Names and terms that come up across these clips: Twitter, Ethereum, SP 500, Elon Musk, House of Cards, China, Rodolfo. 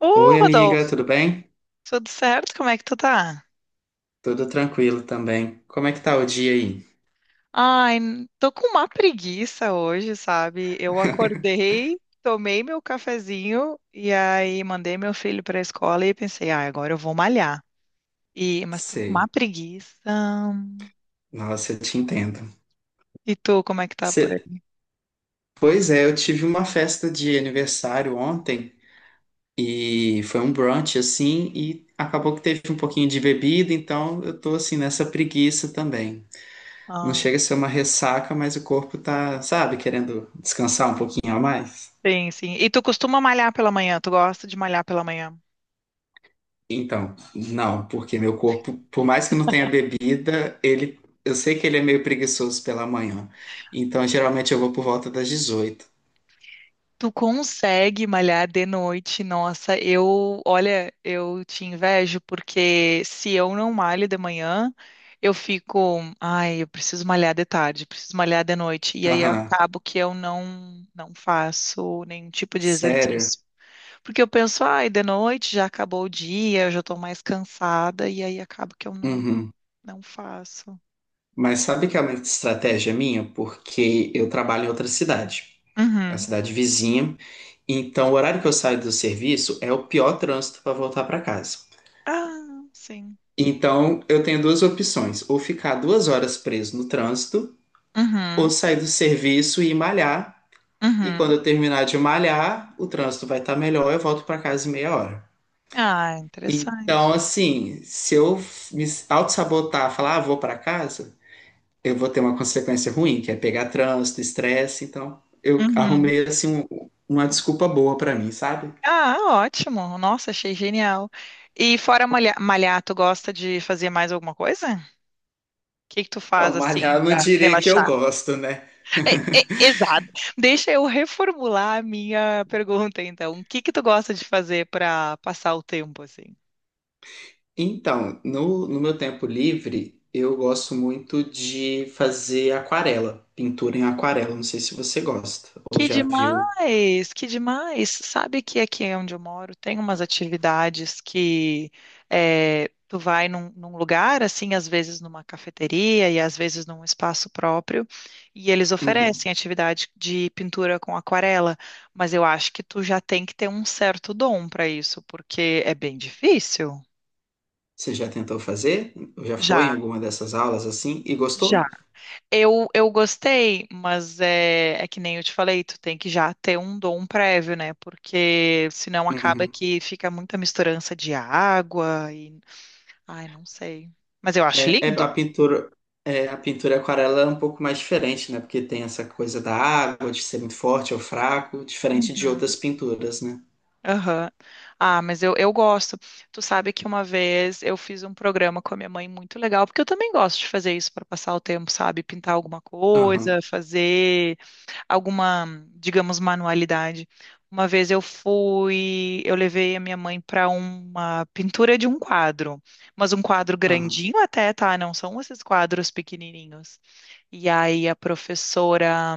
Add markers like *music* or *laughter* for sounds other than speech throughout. Ô, Oi, amiga, Rodolfo, tudo bem? tudo certo? Como é que tu tá? Tudo tranquilo também. Como é que tá o dia aí? Ai, tô com uma preguiça hoje, sabe? Eu *laughs* acordei, tomei meu cafezinho e aí mandei meu filho pra escola e pensei, ah, agora eu vou malhar. E, mas tô com uma Sei. preguiça. Nossa, eu te entendo. E tu, como é que tá por Cê- aí? Pois é, eu tive uma festa de aniversário ontem e foi um brunch assim e acabou que teve um pouquinho de bebida, então eu tô assim nessa preguiça também. Não Ah, chega a ser uma ressaca, mas o corpo tá, sabe, querendo descansar um pouquinho a mais. sim, sim. E tu costuma malhar pela manhã? Tu gosta de malhar pela manhã? Então, não, porque meu corpo, por mais que não tenha bebida, ele, eu sei que ele é meio preguiçoso pela manhã. Então, geralmente eu vou por volta das 18h. Tu consegue malhar de noite? Nossa, eu, olha, eu te invejo porque se eu não malho de manhã, eu fico, ai, eu preciso malhar de tarde, preciso malhar de noite, e aí Aham, acabo que eu não faço nenhum tipo de sério? exercício. Porque eu penso, ai, de noite já acabou o dia, eu já tô mais cansada e aí acabo que eu não Uhum. não faço. Mas sabe que é uma estratégia minha? Porque eu trabalho em outra cidade, é a Uhum. cidade vizinha. Então, o horário que eu saio do serviço é o pior trânsito para voltar para casa. Ah, sim. Então, eu tenho duas opções: ou ficar 2 horas preso no trânsito, ou Uhum. sair do serviço e malhar. E quando Uhum. eu terminar de malhar, o trânsito vai estar melhor, eu volto para casa em meia hora. Ah, interessante. Então, assim, se eu me auto-sabotar, falar, ah, vou para casa, eu vou ter uma consequência ruim, que é pegar trânsito, estresse. Então, eu Uhum. arrumei, assim, uma desculpa boa para mim, sabe? Ah, ótimo. Nossa, achei genial. E fora malhar, tu gosta de fazer mais alguma coisa? O que que tu faz Não, malhar assim eu não para diria que eu relaxar? gosto, né? É, é, *laughs* exato. Deixa eu reformular a minha pergunta, então. O que que tu gosta de fazer para passar o tempo assim? Então, no meu tempo livre, eu gosto muito de fazer aquarela, pintura em aquarela. Não sei se você gosta ou Que já viu. demais, que demais. Sabe que aqui onde eu moro tem umas atividades que tu vai num lugar, assim, às vezes numa cafeteria e às vezes num espaço próprio, e eles Uhum. oferecem atividade de pintura com aquarela, mas eu acho que tu já tem que ter um certo dom para isso, porque é bem difícil. Você já tentou fazer? Já foi em Já, alguma dessas aulas assim e já. gostou? Eu gostei, mas é que nem eu te falei, tu tem que já ter um dom prévio, né? Porque senão acaba Uhum. que fica muita misturança de água e. Ai, não sei. Mas eu acho É, lindo. É, a pintura aquarela é um pouco mais diferente, né? Porque tem essa coisa da água, de ser muito forte ou fraco, diferente de Uhum. outras pinturas, né? Aham. Ah, mas eu gosto. Tu sabe que uma vez eu fiz um programa com a minha mãe muito legal, porque eu também gosto de fazer isso para passar o tempo, sabe? Pintar alguma Aham, coisa, fazer alguma, digamos, manualidade. Uma vez eu fui, eu levei a minha mãe para uma pintura de um quadro, mas um quadro aham. grandinho até, tá? Não são esses quadros pequenininhos. E aí a professora,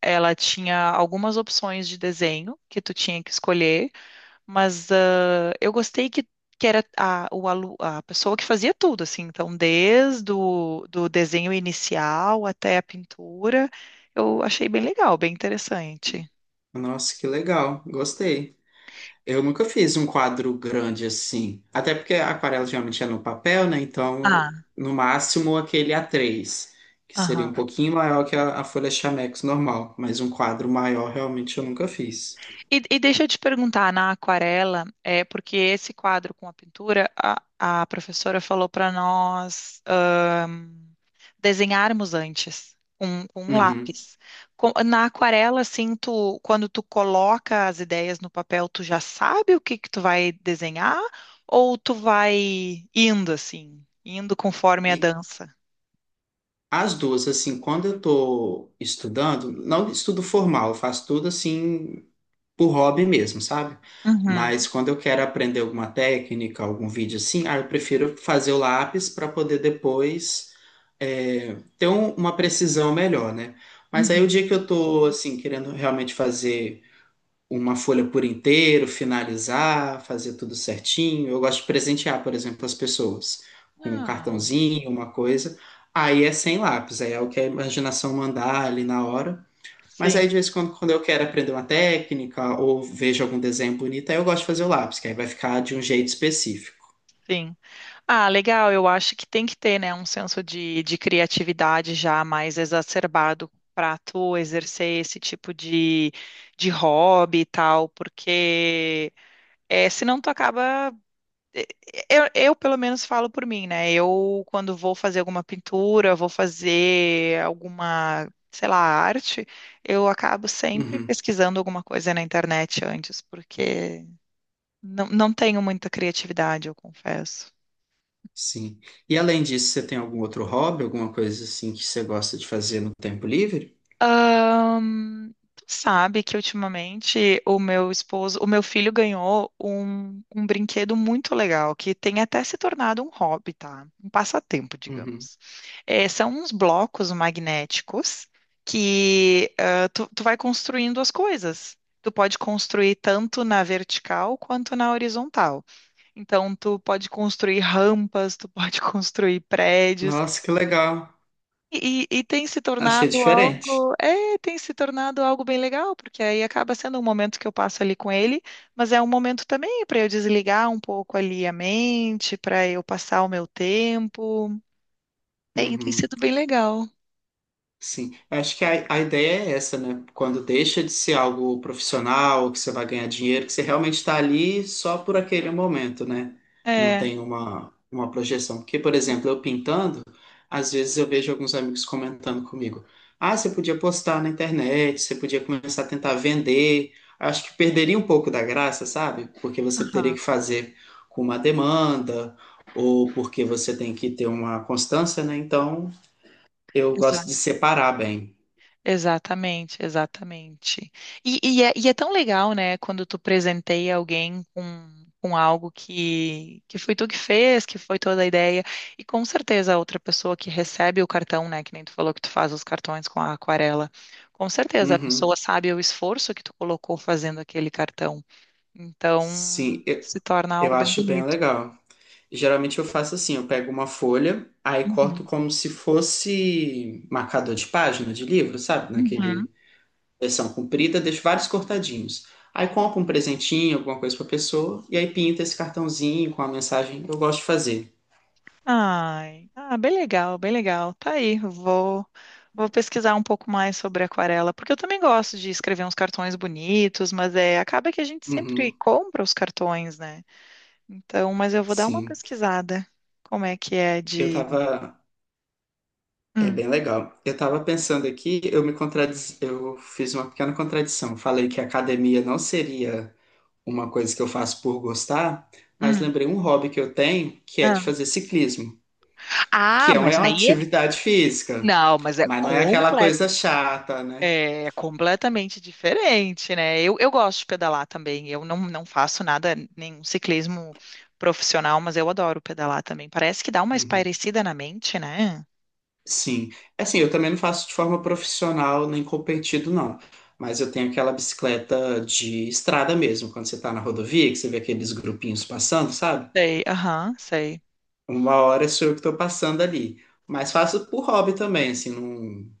ela tinha algumas opções de desenho que tu tinha que escolher. Mas ah, eu gostei que era a pessoa que fazia tudo, assim. Então, desde o do desenho inicial até a pintura, eu achei bem legal, bem interessante. Nossa, que legal, gostei. Eu nunca fiz um quadro grande assim. Até porque a aquarela geralmente é no papel, né? Então, Ah, no máximo, aquele A3, que seria aham. um pouquinho maior que a folha Chamex normal. Mas um quadro maior, realmente, eu nunca fiz. E deixa eu te perguntar, na aquarela, é porque esse quadro com a pintura, a professora falou para nós desenharmos antes. Com um Uhum. lápis. Na aquarela, assim, tu, quando tu coloca as ideias no papel, tu já sabe o que que tu vai desenhar ou tu vai indo, assim, indo conforme a E dança? as duas, assim, quando eu tô estudando, não estudo formal, eu faço tudo assim por hobby mesmo, sabe? Uhum, Mas quando eu quero aprender alguma técnica, algum vídeo assim, ah, eu prefiro fazer o lápis para poder depois é, ter uma precisão melhor, né? Mas aí o uhum. dia que eu tô assim querendo realmente fazer uma folha por inteiro, finalizar, fazer tudo certinho, eu gosto de presentear, por exemplo, as pessoas com um Ah, cartãozinho, uma coisa. Aí é sem lápis, aí é o que a imaginação mandar ali na hora. Mas aí, sim, de vez em quando, quando eu quero aprender uma técnica ou vejo algum desenho bonito, aí eu gosto de fazer o lápis, que aí vai ficar de um jeito específico. sim. Ah, legal. Eu acho que tem que ter, né, um senso de criatividade já mais exacerbado para tu exercer esse tipo de hobby e tal, porque é, senão tu acaba. é, eu, pelo menos, falo por mim, né? Eu, quando vou fazer alguma pintura, vou fazer alguma, sei lá, arte, eu acabo sempre Uhum, pesquisando alguma coisa na internet antes, porque não tenho muita criatividade, eu confesso. sim. E além disso, você tem algum outro hobby, alguma coisa assim que você gosta de fazer no tempo livre? Tu sabe que ultimamente o meu esposo, o meu filho ganhou um brinquedo muito legal, que tem até se tornado um hobby, tá? Um passatempo, Uhum. digamos. É, são uns blocos magnéticos que tu vai construindo as coisas. Tu pode construir tanto na vertical quanto na horizontal. Então, tu pode construir rampas, tu pode *laughs* construir prédios. Nossa, que legal. E tem se Achei tornado diferente. algo, é, tem se tornado algo bem legal, porque aí acaba sendo um momento que eu passo ali com ele, mas é um momento também para eu desligar um pouco ali a mente, para eu passar o meu tempo. Tem, tem Uhum. sido bem legal. Sim, eu acho que a ideia é essa, né? Quando deixa de ser algo profissional, que você vai ganhar dinheiro, que você realmente está ali só por aquele momento, né? Não É, tem uma projeção. Porque, por exemplo, eu pintando, às vezes eu vejo alguns amigos comentando comigo: ah, você podia postar na internet, você podia começar a tentar vender. Acho que perderia um pouco da graça, sabe? Porque você teria aham, que fazer com uma demanda, ou porque você tem que ter uma constância, né? Então, eu gosto de separar bem. exatamente, exatamente. E é tão legal, né, quando tu presenteia alguém com algo que foi tu que fez, que foi toda a ideia, e com certeza a outra pessoa que recebe o cartão, né, que nem tu falou que tu faz os cartões com a aquarela, com certeza a pessoa Uhum. sabe o esforço que tu colocou fazendo aquele cartão. Então, Sim, eu, se torna eu algo bem acho bem bonito. legal. Geralmente eu faço assim, eu pego uma folha, aí corto Uhum. como se fosse marcador de página de livro, sabe? Uhum. Naquele versão comprida, deixo vários cortadinhos. Aí compro um presentinho, alguma coisa pra pessoa, e aí pinto esse cartãozinho com a mensagem que eu gosto de fazer. Ai, ah, bem legal, bem legal. Tá aí, vou, vou pesquisar um pouco mais sobre aquarela, porque eu também gosto de escrever uns cartões bonitos, mas é, acaba que a gente sempre Uhum, compra os cartões, né? Então, mas eu vou dar uma sim. pesquisada. Como é que é Eu de. tava. É Hum, bem legal. Eu tava pensando aqui, eu fiz uma pequena contradição. Falei que a academia não seria uma coisa que eu faço por gostar, mas hum, lembrei um hobby que eu tenho, que é ah. de fazer ciclismo, que Ah, é uma *laughs* é mas uma aí, atividade física, não, mas é mas não é aquela coisa chata, né? é completamente diferente, né? Eu gosto de pedalar também. Eu não faço nada, nenhum ciclismo profissional, mas eu adoro pedalar também. Parece que dá uma Uhum. espairecida na mente, né? Sim. É. Assim, eu também não faço de forma profissional nem competido, não. Mas eu tenho aquela bicicleta de estrada mesmo, quando você tá na rodovia, que você vê aqueles grupinhos passando, sabe? Sei, aham, sei. Uma hora sou eu que tô passando ali. Mas faço por hobby também, assim, não,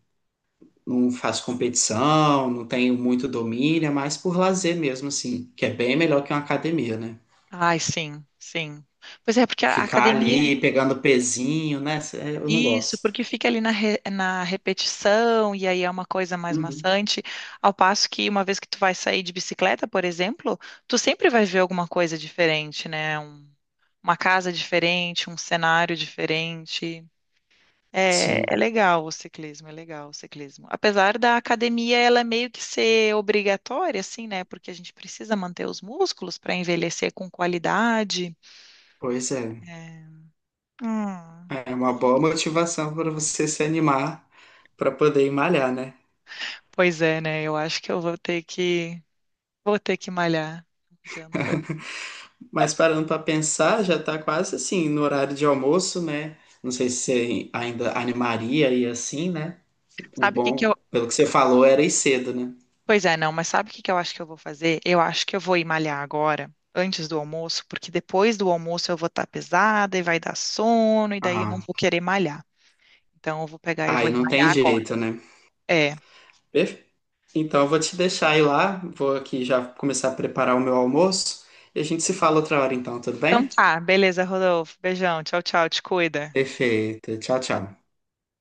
não faço competição, não tenho muito domínio, é mais por lazer mesmo, assim, que é bem melhor que uma academia, né? Ai, sim, sim. Pois é, porque a Ficar academia, ali pegando pezinho, né? Eu não isso, gosto. porque fica ali na, na repetição e aí é uma coisa mais Uhum. maçante. Ao passo que uma vez que tu vai sair de bicicleta, por exemplo, tu sempre vai ver alguma coisa diferente, né? Uma casa diferente, um cenário diferente. É, Sim, é legal o ciclismo, é legal o ciclismo. Apesar da academia ela é meio que ser obrigatória, assim, né? Porque a gente precisa manter os músculos para envelhecer com qualidade. pois é. É. Hum. É Ah, uma boa legal. motivação para você se animar para poder ir malhar, né? Pois é, né? Eu acho que eu vou ter que malhar. Não adianta. Mas parando para pensar, já tá quase assim no horário de almoço, né? Não sei se você ainda animaria e assim, né? O Sabe o que que bom, eu pelo que você falou, era ir cedo, né? pois é, não, mas sabe o que que eu acho que eu vou fazer? Eu acho que eu vou ir malhar agora, antes do almoço, porque depois do almoço eu vou estar pesada e vai dar sono e daí eu não Ah, vou querer malhar. Então eu vou pegar e vou aí não tem malhar agora. jeito, né? É. Então, eu vou te deixar ir lá, vou aqui já começar a preparar o meu almoço e a gente se fala outra hora então, tudo Então bem? tá, beleza, Rodolfo. Beijão, tchau, tchau, te cuida. Perfeito. Tchau, tchau.